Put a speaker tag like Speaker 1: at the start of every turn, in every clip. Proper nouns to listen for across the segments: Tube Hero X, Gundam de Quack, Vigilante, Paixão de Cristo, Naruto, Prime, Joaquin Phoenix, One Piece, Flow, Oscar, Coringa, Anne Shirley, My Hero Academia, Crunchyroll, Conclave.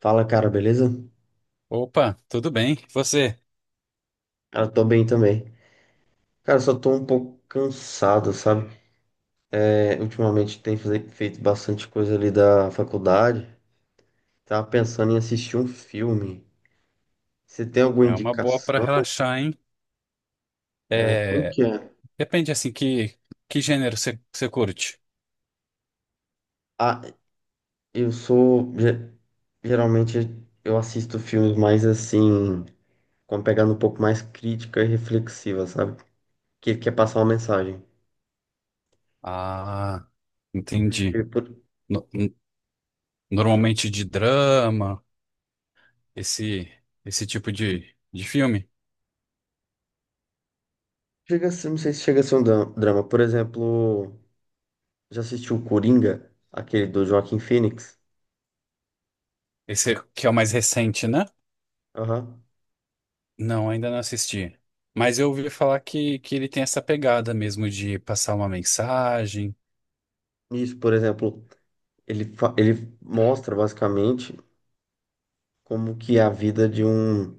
Speaker 1: Fala, cara, beleza?
Speaker 2: Opa, tudo bem? E você?
Speaker 1: Cara, tô bem também. Cara, só tô um pouco cansado, sabe? É, ultimamente tem feito bastante coisa ali da faculdade. Tava pensando em assistir um filme. Você tem alguma
Speaker 2: É uma boa para
Speaker 1: indicação?
Speaker 2: relaxar, hein?
Speaker 1: É, como
Speaker 2: É,
Speaker 1: que é?
Speaker 2: depende assim que gênero você curte.
Speaker 1: Ah, eu sou. Geralmente eu assisto filmes mais assim, com uma pegada um pouco mais crítica e reflexiva, sabe? Que quer passar uma mensagem.
Speaker 2: Ah, entendi.
Speaker 1: Porque por-
Speaker 2: No- n- Normalmente de drama, esse esse tipo de filme.
Speaker 1: Chega a ser- não sei se chega a ser um drama. Por exemplo. Já assistiu o Coringa, aquele do Joaquin Phoenix?
Speaker 2: Esse que é o mais recente, né?
Speaker 1: Aham.
Speaker 2: Não, ainda não assisti. Mas eu ouvi falar que ele tem essa pegada mesmo de passar uma mensagem.
Speaker 1: Isso, por exemplo, ele mostra basicamente como que é a vida de um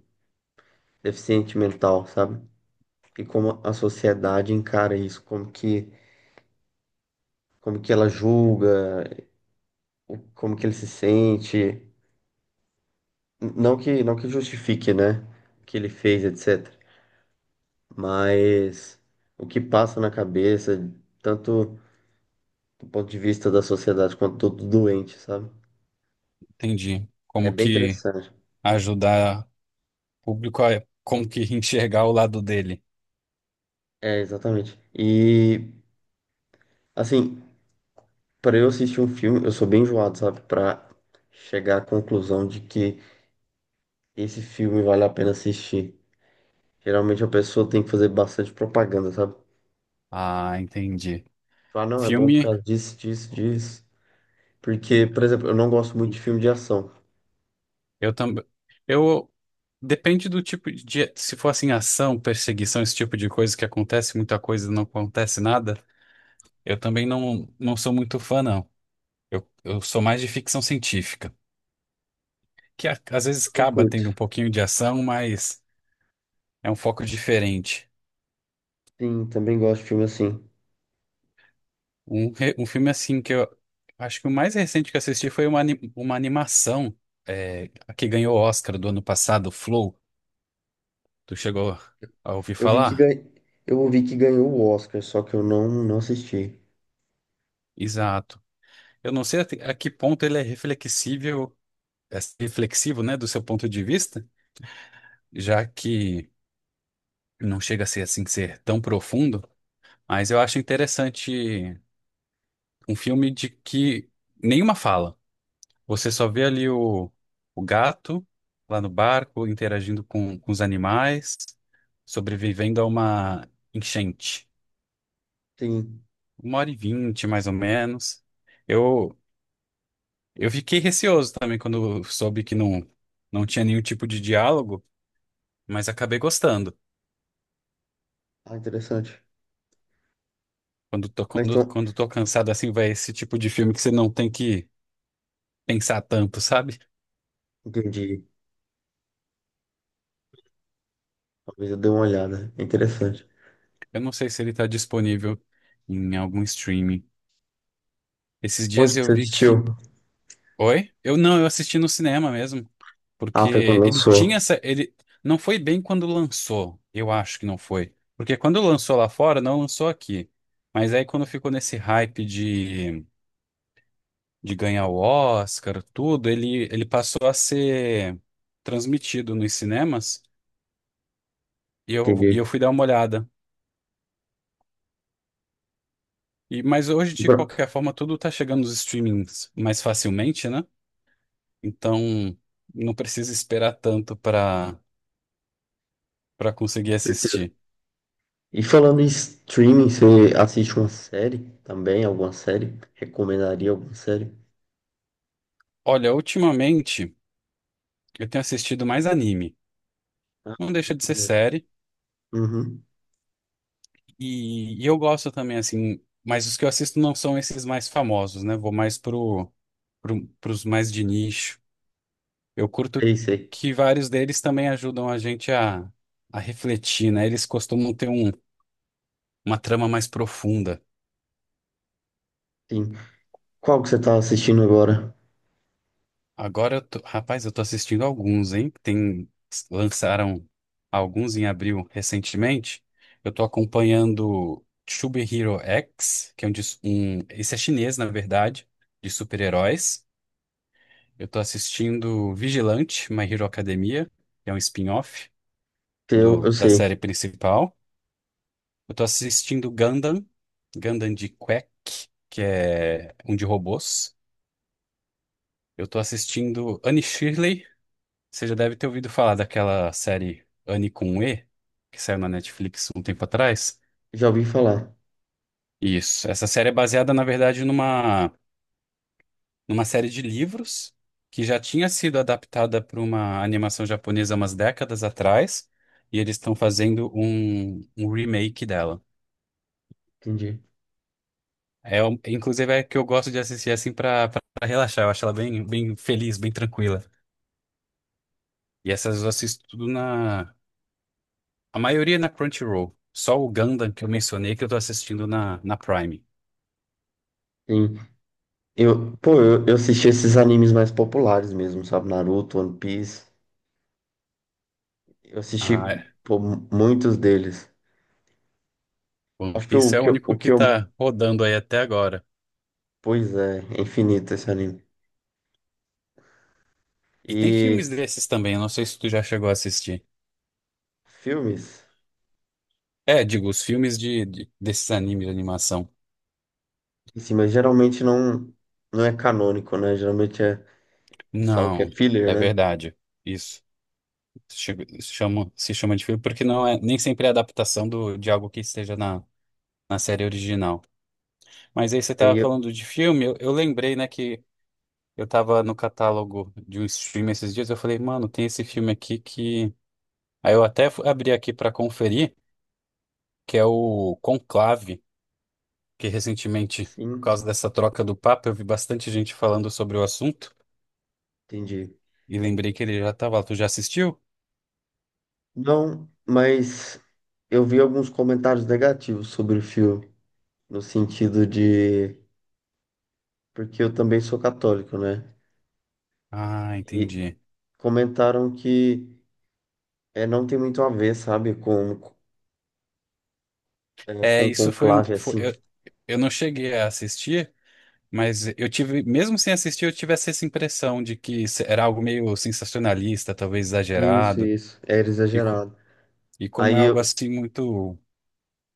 Speaker 1: deficiente mental, sabe? E como a sociedade encara isso, como que ela julga, como que ele se sente. Não que, não que justifique, né, o que ele fez, etc. Mas o que passa na cabeça, tanto do ponto de vista da sociedade quanto do doente, sabe?
Speaker 2: Entendi.
Speaker 1: É
Speaker 2: Como
Speaker 1: bem
Speaker 2: que
Speaker 1: interessante.
Speaker 2: ajudar o público a como que enxergar o lado dele.
Speaker 1: É, exatamente. E, assim, para eu assistir um filme, eu sou bem enjoado, sabe? Para chegar à conclusão de que esse filme vale a pena assistir. Geralmente a pessoa tem que fazer bastante propaganda, sabe?
Speaker 2: Ah, entendi.
Speaker 1: Falar, não, é bom por
Speaker 2: Filme,
Speaker 1: causa disso, disso, disso. Porque, por exemplo, eu não gosto muito de filme de ação.
Speaker 2: eu também. Eu. Depende do tipo de. Se for assim, ação, perseguição, esse tipo de coisa que acontece muita coisa e não acontece nada, eu também não sou muito fã, não. Eu sou mais de ficção científica, que às vezes
Speaker 1: Também
Speaker 2: acaba tendo um
Speaker 1: curto.
Speaker 2: pouquinho de ação, mas é um foco diferente.
Speaker 1: Sim, também gosto de filme assim.
Speaker 2: Um filme assim que eu. Acho que o mais recente que eu assisti foi uma animação é, que ganhou o Oscar do ano passado, Flow. Tu chegou a ouvir
Speaker 1: Eu vi que
Speaker 2: falar?
Speaker 1: ganha... eu ouvi que ganhou o Oscar, só que eu não, não assisti.
Speaker 2: Exato. Eu não sei a que ponto ele é reflexível, é reflexivo, né, do seu ponto de vista, já que não chega a ser assim ser tão profundo, mas eu acho interessante um filme de que nenhuma fala. Você só vê ali o gato lá no barco interagindo com os animais, sobrevivendo a uma enchente.
Speaker 1: Sim.
Speaker 2: 1h20, mais ou menos. Eu Eu fiquei receoso também quando soube que não tinha nenhum tipo de diálogo, mas acabei gostando.
Speaker 1: Ah, interessante.
Speaker 2: Quando tô,
Speaker 1: Mas
Speaker 2: quando,
Speaker 1: então,
Speaker 2: quando tô cansado assim, vai esse tipo de filme que você não tem que pensar tanto, sabe?
Speaker 1: entendi. Talvez eu dê uma olhada. É interessante.
Speaker 2: Eu não sei se ele tá disponível em algum streaming. Esses dias
Speaker 1: Onde que
Speaker 2: eu
Speaker 1: você
Speaker 2: vi que.
Speaker 1: assistiu?
Speaker 2: Oi? Eu assisti no cinema mesmo.
Speaker 1: Ah, foi
Speaker 2: Porque
Speaker 1: quando
Speaker 2: ele tinha
Speaker 1: lançou.
Speaker 2: essa. Ele não foi bem quando lançou. Eu acho que não foi. Porque quando lançou lá fora, não lançou aqui. Mas aí quando ficou nesse hype de ganhar o Oscar, tudo, ele passou a ser transmitido nos cinemas e eu, e
Speaker 1: Entendi.
Speaker 2: eu fui dar uma olhada. E, mas hoje, de
Speaker 1: Bro-
Speaker 2: qualquer forma, tudo tá chegando nos streamings mais facilmente, né? Então não precisa esperar tanto para conseguir
Speaker 1: certeza.
Speaker 2: assistir.
Speaker 1: E falando em streaming, você assiste uma série também? Alguma série? Recomendaria alguma série?
Speaker 2: Olha, ultimamente eu tenho assistido mais anime.
Speaker 1: Ah,
Speaker 2: Não
Speaker 1: que
Speaker 2: deixa de ser
Speaker 1: maneiro.
Speaker 2: série.
Speaker 1: Uhum.
Speaker 2: E eu gosto também, assim, mas os que eu assisto não são esses mais famosos, né? Vou mais pros mais de nicho. Eu curto
Speaker 1: Sei, sei.
Speaker 2: que vários deles também ajudam a gente a refletir, né? Eles costumam ter uma trama mais profunda.
Speaker 1: Sim. Qual que você tá assistindo agora?
Speaker 2: Agora, eu rapaz, eu tô assistindo alguns, hein? Lançaram alguns em abril recentemente. Eu tô acompanhando Tube Hero X, que é esse é chinês, na verdade, de super-heróis. Eu tô assistindo Vigilante, My Hero Academia, que é um spin-off
Speaker 1: Que Eu, eu
Speaker 2: da
Speaker 1: sei.
Speaker 2: série principal. Eu tô assistindo Gundam, Gundam de Quack, que é um de robôs. Eu tô assistindo Anne Shirley. Você já deve ter ouvido falar daquela série Anne com E, que saiu na Netflix um tempo atrás.
Speaker 1: Já ouvi falar.
Speaker 2: Isso. Essa série é baseada, na verdade, numa série de livros que já tinha sido adaptada para uma animação japonesa umas décadas atrás, e eles estão fazendo um remake dela.
Speaker 1: Entendi.
Speaker 2: É, inclusive é que eu gosto de assistir assim pra relaxar. Eu acho ela bem, bem feliz, bem tranquila. E essas eu assisto tudo na. A maioria na Crunchyroll. Só o Gundam que eu mencionei que eu tô assistindo na Prime.
Speaker 1: Sim. Eu, eu assisti esses animes mais populares mesmo, sabe? Naruto, One Piece. Eu
Speaker 2: Ah,
Speaker 1: assisti,
Speaker 2: é.
Speaker 1: pô, muitos deles.
Speaker 2: One
Speaker 1: Acho que
Speaker 2: Piece é o único
Speaker 1: o
Speaker 2: que
Speaker 1: que eu...
Speaker 2: tá rodando aí até agora.
Speaker 1: Pois é, é infinito esse anime.
Speaker 2: E tem filmes
Speaker 1: E
Speaker 2: desses também, eu não sei se tu já chegou a assistir.
Speaker 1: filmes,
Speaker 2: É, digo, os filmes desses animes de animação.
Speaker 1: assim, mas geralmente não, não é canônico, né? Geralmente é, eles falam que é
Speaker 2: Não,
Speaker 1: filler,
Speaker 2: é
Speaker 1: né?
Speaker 2: verdade. Isso. Se chama de filme porque não é nem sempre é adaptação de algo que esteja na série original. Mas aí você tava
Speaker 1: Aí,
Speaker 2: falando de filme, eu lembrei, né, que eu tava no catálogo de um stream esses dias, eu falei, mano, tem esse filme aqui que... Aí eu até abri aqui pra conferir, que é o Conclave, que recentemente, por
Speaker 1: sim,
Speaker 2: causa dessa troca do Papa, eu vi bastante gente falando sobre o assunto
Speaker 1: entendi.
Speaker 2: e lembrei que ele já tava lá. Tu já assistiu?
Speaker 1: Não, mas eu vi alguns comentários negativos sobre o filme, no sentido de, porque eu também sou católico, né?
Speaker 2: Ah,
Speaker 1: E
Speaker 2: entendi.
Speaker 1: comentaram que é, não tem muito a ver, sabe, com, é,
Speaker 2: É,
Speaker 1: com
Speaker 2: isso foi
Speaker 1: conclave,
Speaker 2: um... Foi,
Speaker 1: assim.
Speaker 2: eu, eu não cheguei a assistir. Mas eu tive, mesmo sem assistir, eu tive essa impressão de que era algo meio sensacionalista, talvez
Speaker 1: Isso,
Speaker 2: exagerado.
Speaker 1: isso, era
Speaker 2: E, co-
Speaker 1: exagerado.
Speaker 2: e como
Speaker 1: Aí
Speaker 2: é algo
Speaker 1: eu,
Speaker 2: assim muito,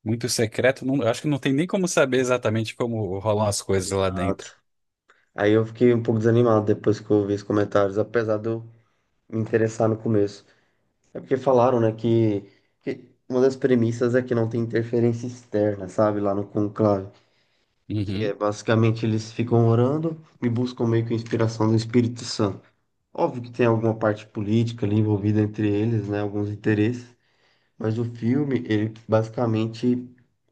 Speaker 2: muito secreto, eu acho que não tem nem como saber exatamente como rolam as coisas lá dentro.
Speaker 1: exato. Aí eu fiquei um pouco desanimado depois que eu vi os comentários, apesar de eu me interessar no começo. É porque falaram, né, que uma das premissas é que não tem interferência externa, sabe, lá no conclave. Que é
Speaker 2: Uhum,
Speaker 1: basicamente eles ficam orando e buscam meio que inspiração do Espírito Santo. Óbvio que tem alguma parte política ali envolvida entre eles, né, alguns interesses, mas o filme, ele basicamente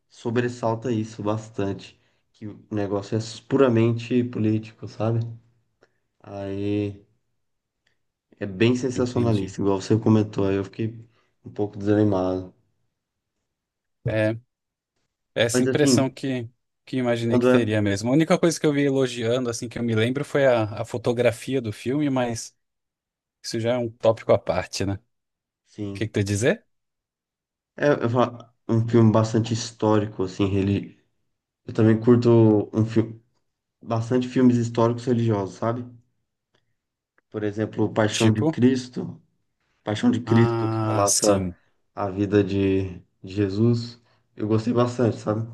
Speaker 1: sobressalta isso bastante, que o negócio é puramente político, sabe? Aí. É bem
Speaker 2: entendi.
Speaker 1: sensacionalista, igual você comentou, aí eu fiquei um pouco desanimado.
Speaker 2: É, é essa
Speaker 1: Mas
Speaker 2: impressão
Speaker 1: assim,
Speaker 2: que imaginei
Speaker 1: quando
Speaker 2: que
Speaker 1: é.
Speaker 2: teria mesmo. A única coisa que eu vi elogiando, assim, que eu me lembro foi a fotografia do filme, mas isso já é um tópico à parte, né? O que
Speaker 1: Sim.
Speaker 2: que tu ia dizer?
Speaker 1: É, eu falo, um filme bastante histórico, assim, reli... eu também curto um filme, bastante filmes históricos religiosos, sabe? Por exemplo,
Speaker 2: Tipo,
Speaker 1: Paixão de Cristo, que
Speaker 2: ah,
Speaker 1: relata
Speaker 2: sim.
Speaker 1: a vida de Jesus. Eu gostei bastante, sabe?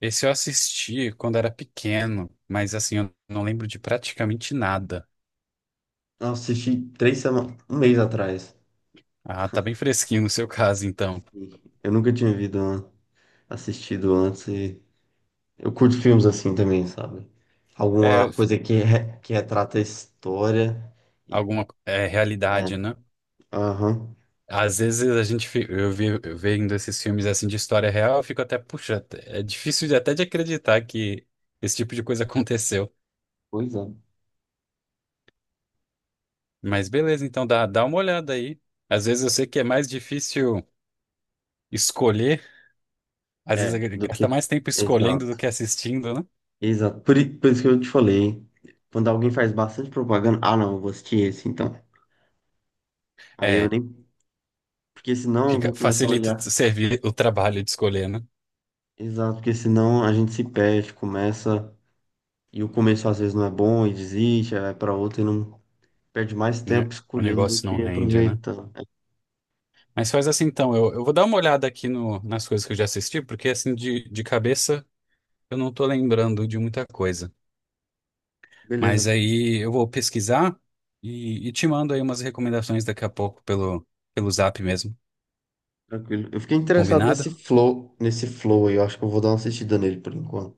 Speaker 2: Esse eu assisti quando era pequeno, mas assim, eu não lembro de praticamente nada.
Speaker 1: Eu assisti 3 semanas, um mês atrás.
Speaker 2: Ah, tá bem fresquinho no seu caso, então.
Speaker 1: E eu nunca tinha vido, assistido antes e eu curto filmes assim também, sabe?
Speaker 2: É
Speaker 1: Alguma coisa que, que retrata a história. E...
Speaker 2: alguma é,
Speaker 1: É,
Speaker 2: realidade, né?
Speaker 1: aham.
Speaker 2: Às vezes a gente, eu vendo esses filmes assim de história real, eu fico até, puxa, é difícil até de acreditar que esse tipo de coisa aconteceu.
Speaker 1: Pois é.
Speaker 2: Mas beleza, então dá uma olhada aí. Às vezes eu sei que é mais difícil escolher, às vezes
Speaker 1: É,
Speaker 2: a gente
Speaker 1: do
Speaker 2: gasta
Speaker 1: que?
Speaker 2: mais tempo escolhendo
Speaker 1: Exato,
Speaker 2: do que assistindo, né?
Speaker 1: exato. Por, por isso que eu te falei, quando alguém faz bastante propaganda, ah, não, eu vou assistir esse então. Aí eu
Speaker 2: É.
Speaker 1: nem. Porque senão eu vou começar a
Speaker 2: Facilita o
Speaker 1: olhar.
Speaker 2: servir o trabalho de escolher, né?
Speaker 1: Exato, porque senão a gente se perde, começa. E o começo às vezes não é bom e desiste, aí vai pra outro e não perde mais
Speaker 2: Né?
Speaker 1: tempo
Speaker 2: O
Speaker 1: escolhendo do
Speaker 2: negócio
Speaker 1: que
Speaker 2: não rende, né?
Speaker 1: aproveitando. É,
Speaker 2: Mas faz assim então, eu vou dar uma olhada aqui no, nas coisas que eu já assisti, porque assim de cabeça eu não tô lembrando de muita coisa. Mas
Speaker 1: beleza.
Speaker 2: aí eu vou pesquisar e te mando aí umas recomendações daqui a pouco pelo Zap mesmo.
Speaker 1: Tranquilo. Eu fiquei interessado
Speaker 2: Combinado?
Speaker 1: nesse flow aí. Eu acho que eu vou dar uma assistida nele por enquanto.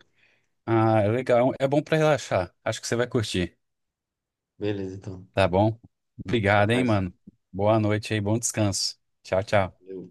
Speaker 2: Ah, é legal. É bom pra relaxar. Acho que você vai curtir.
Speaker 1: Beleza, então.
Speaker 2: Tá bom?
Speaker 1: Até
Speaker 2: Obrigado, hein,
Speaker 1: mais.
Speaker 2: mano. Boa noite aí, bom descanso. Tchau, tchau.
Speaker 1: Valeu.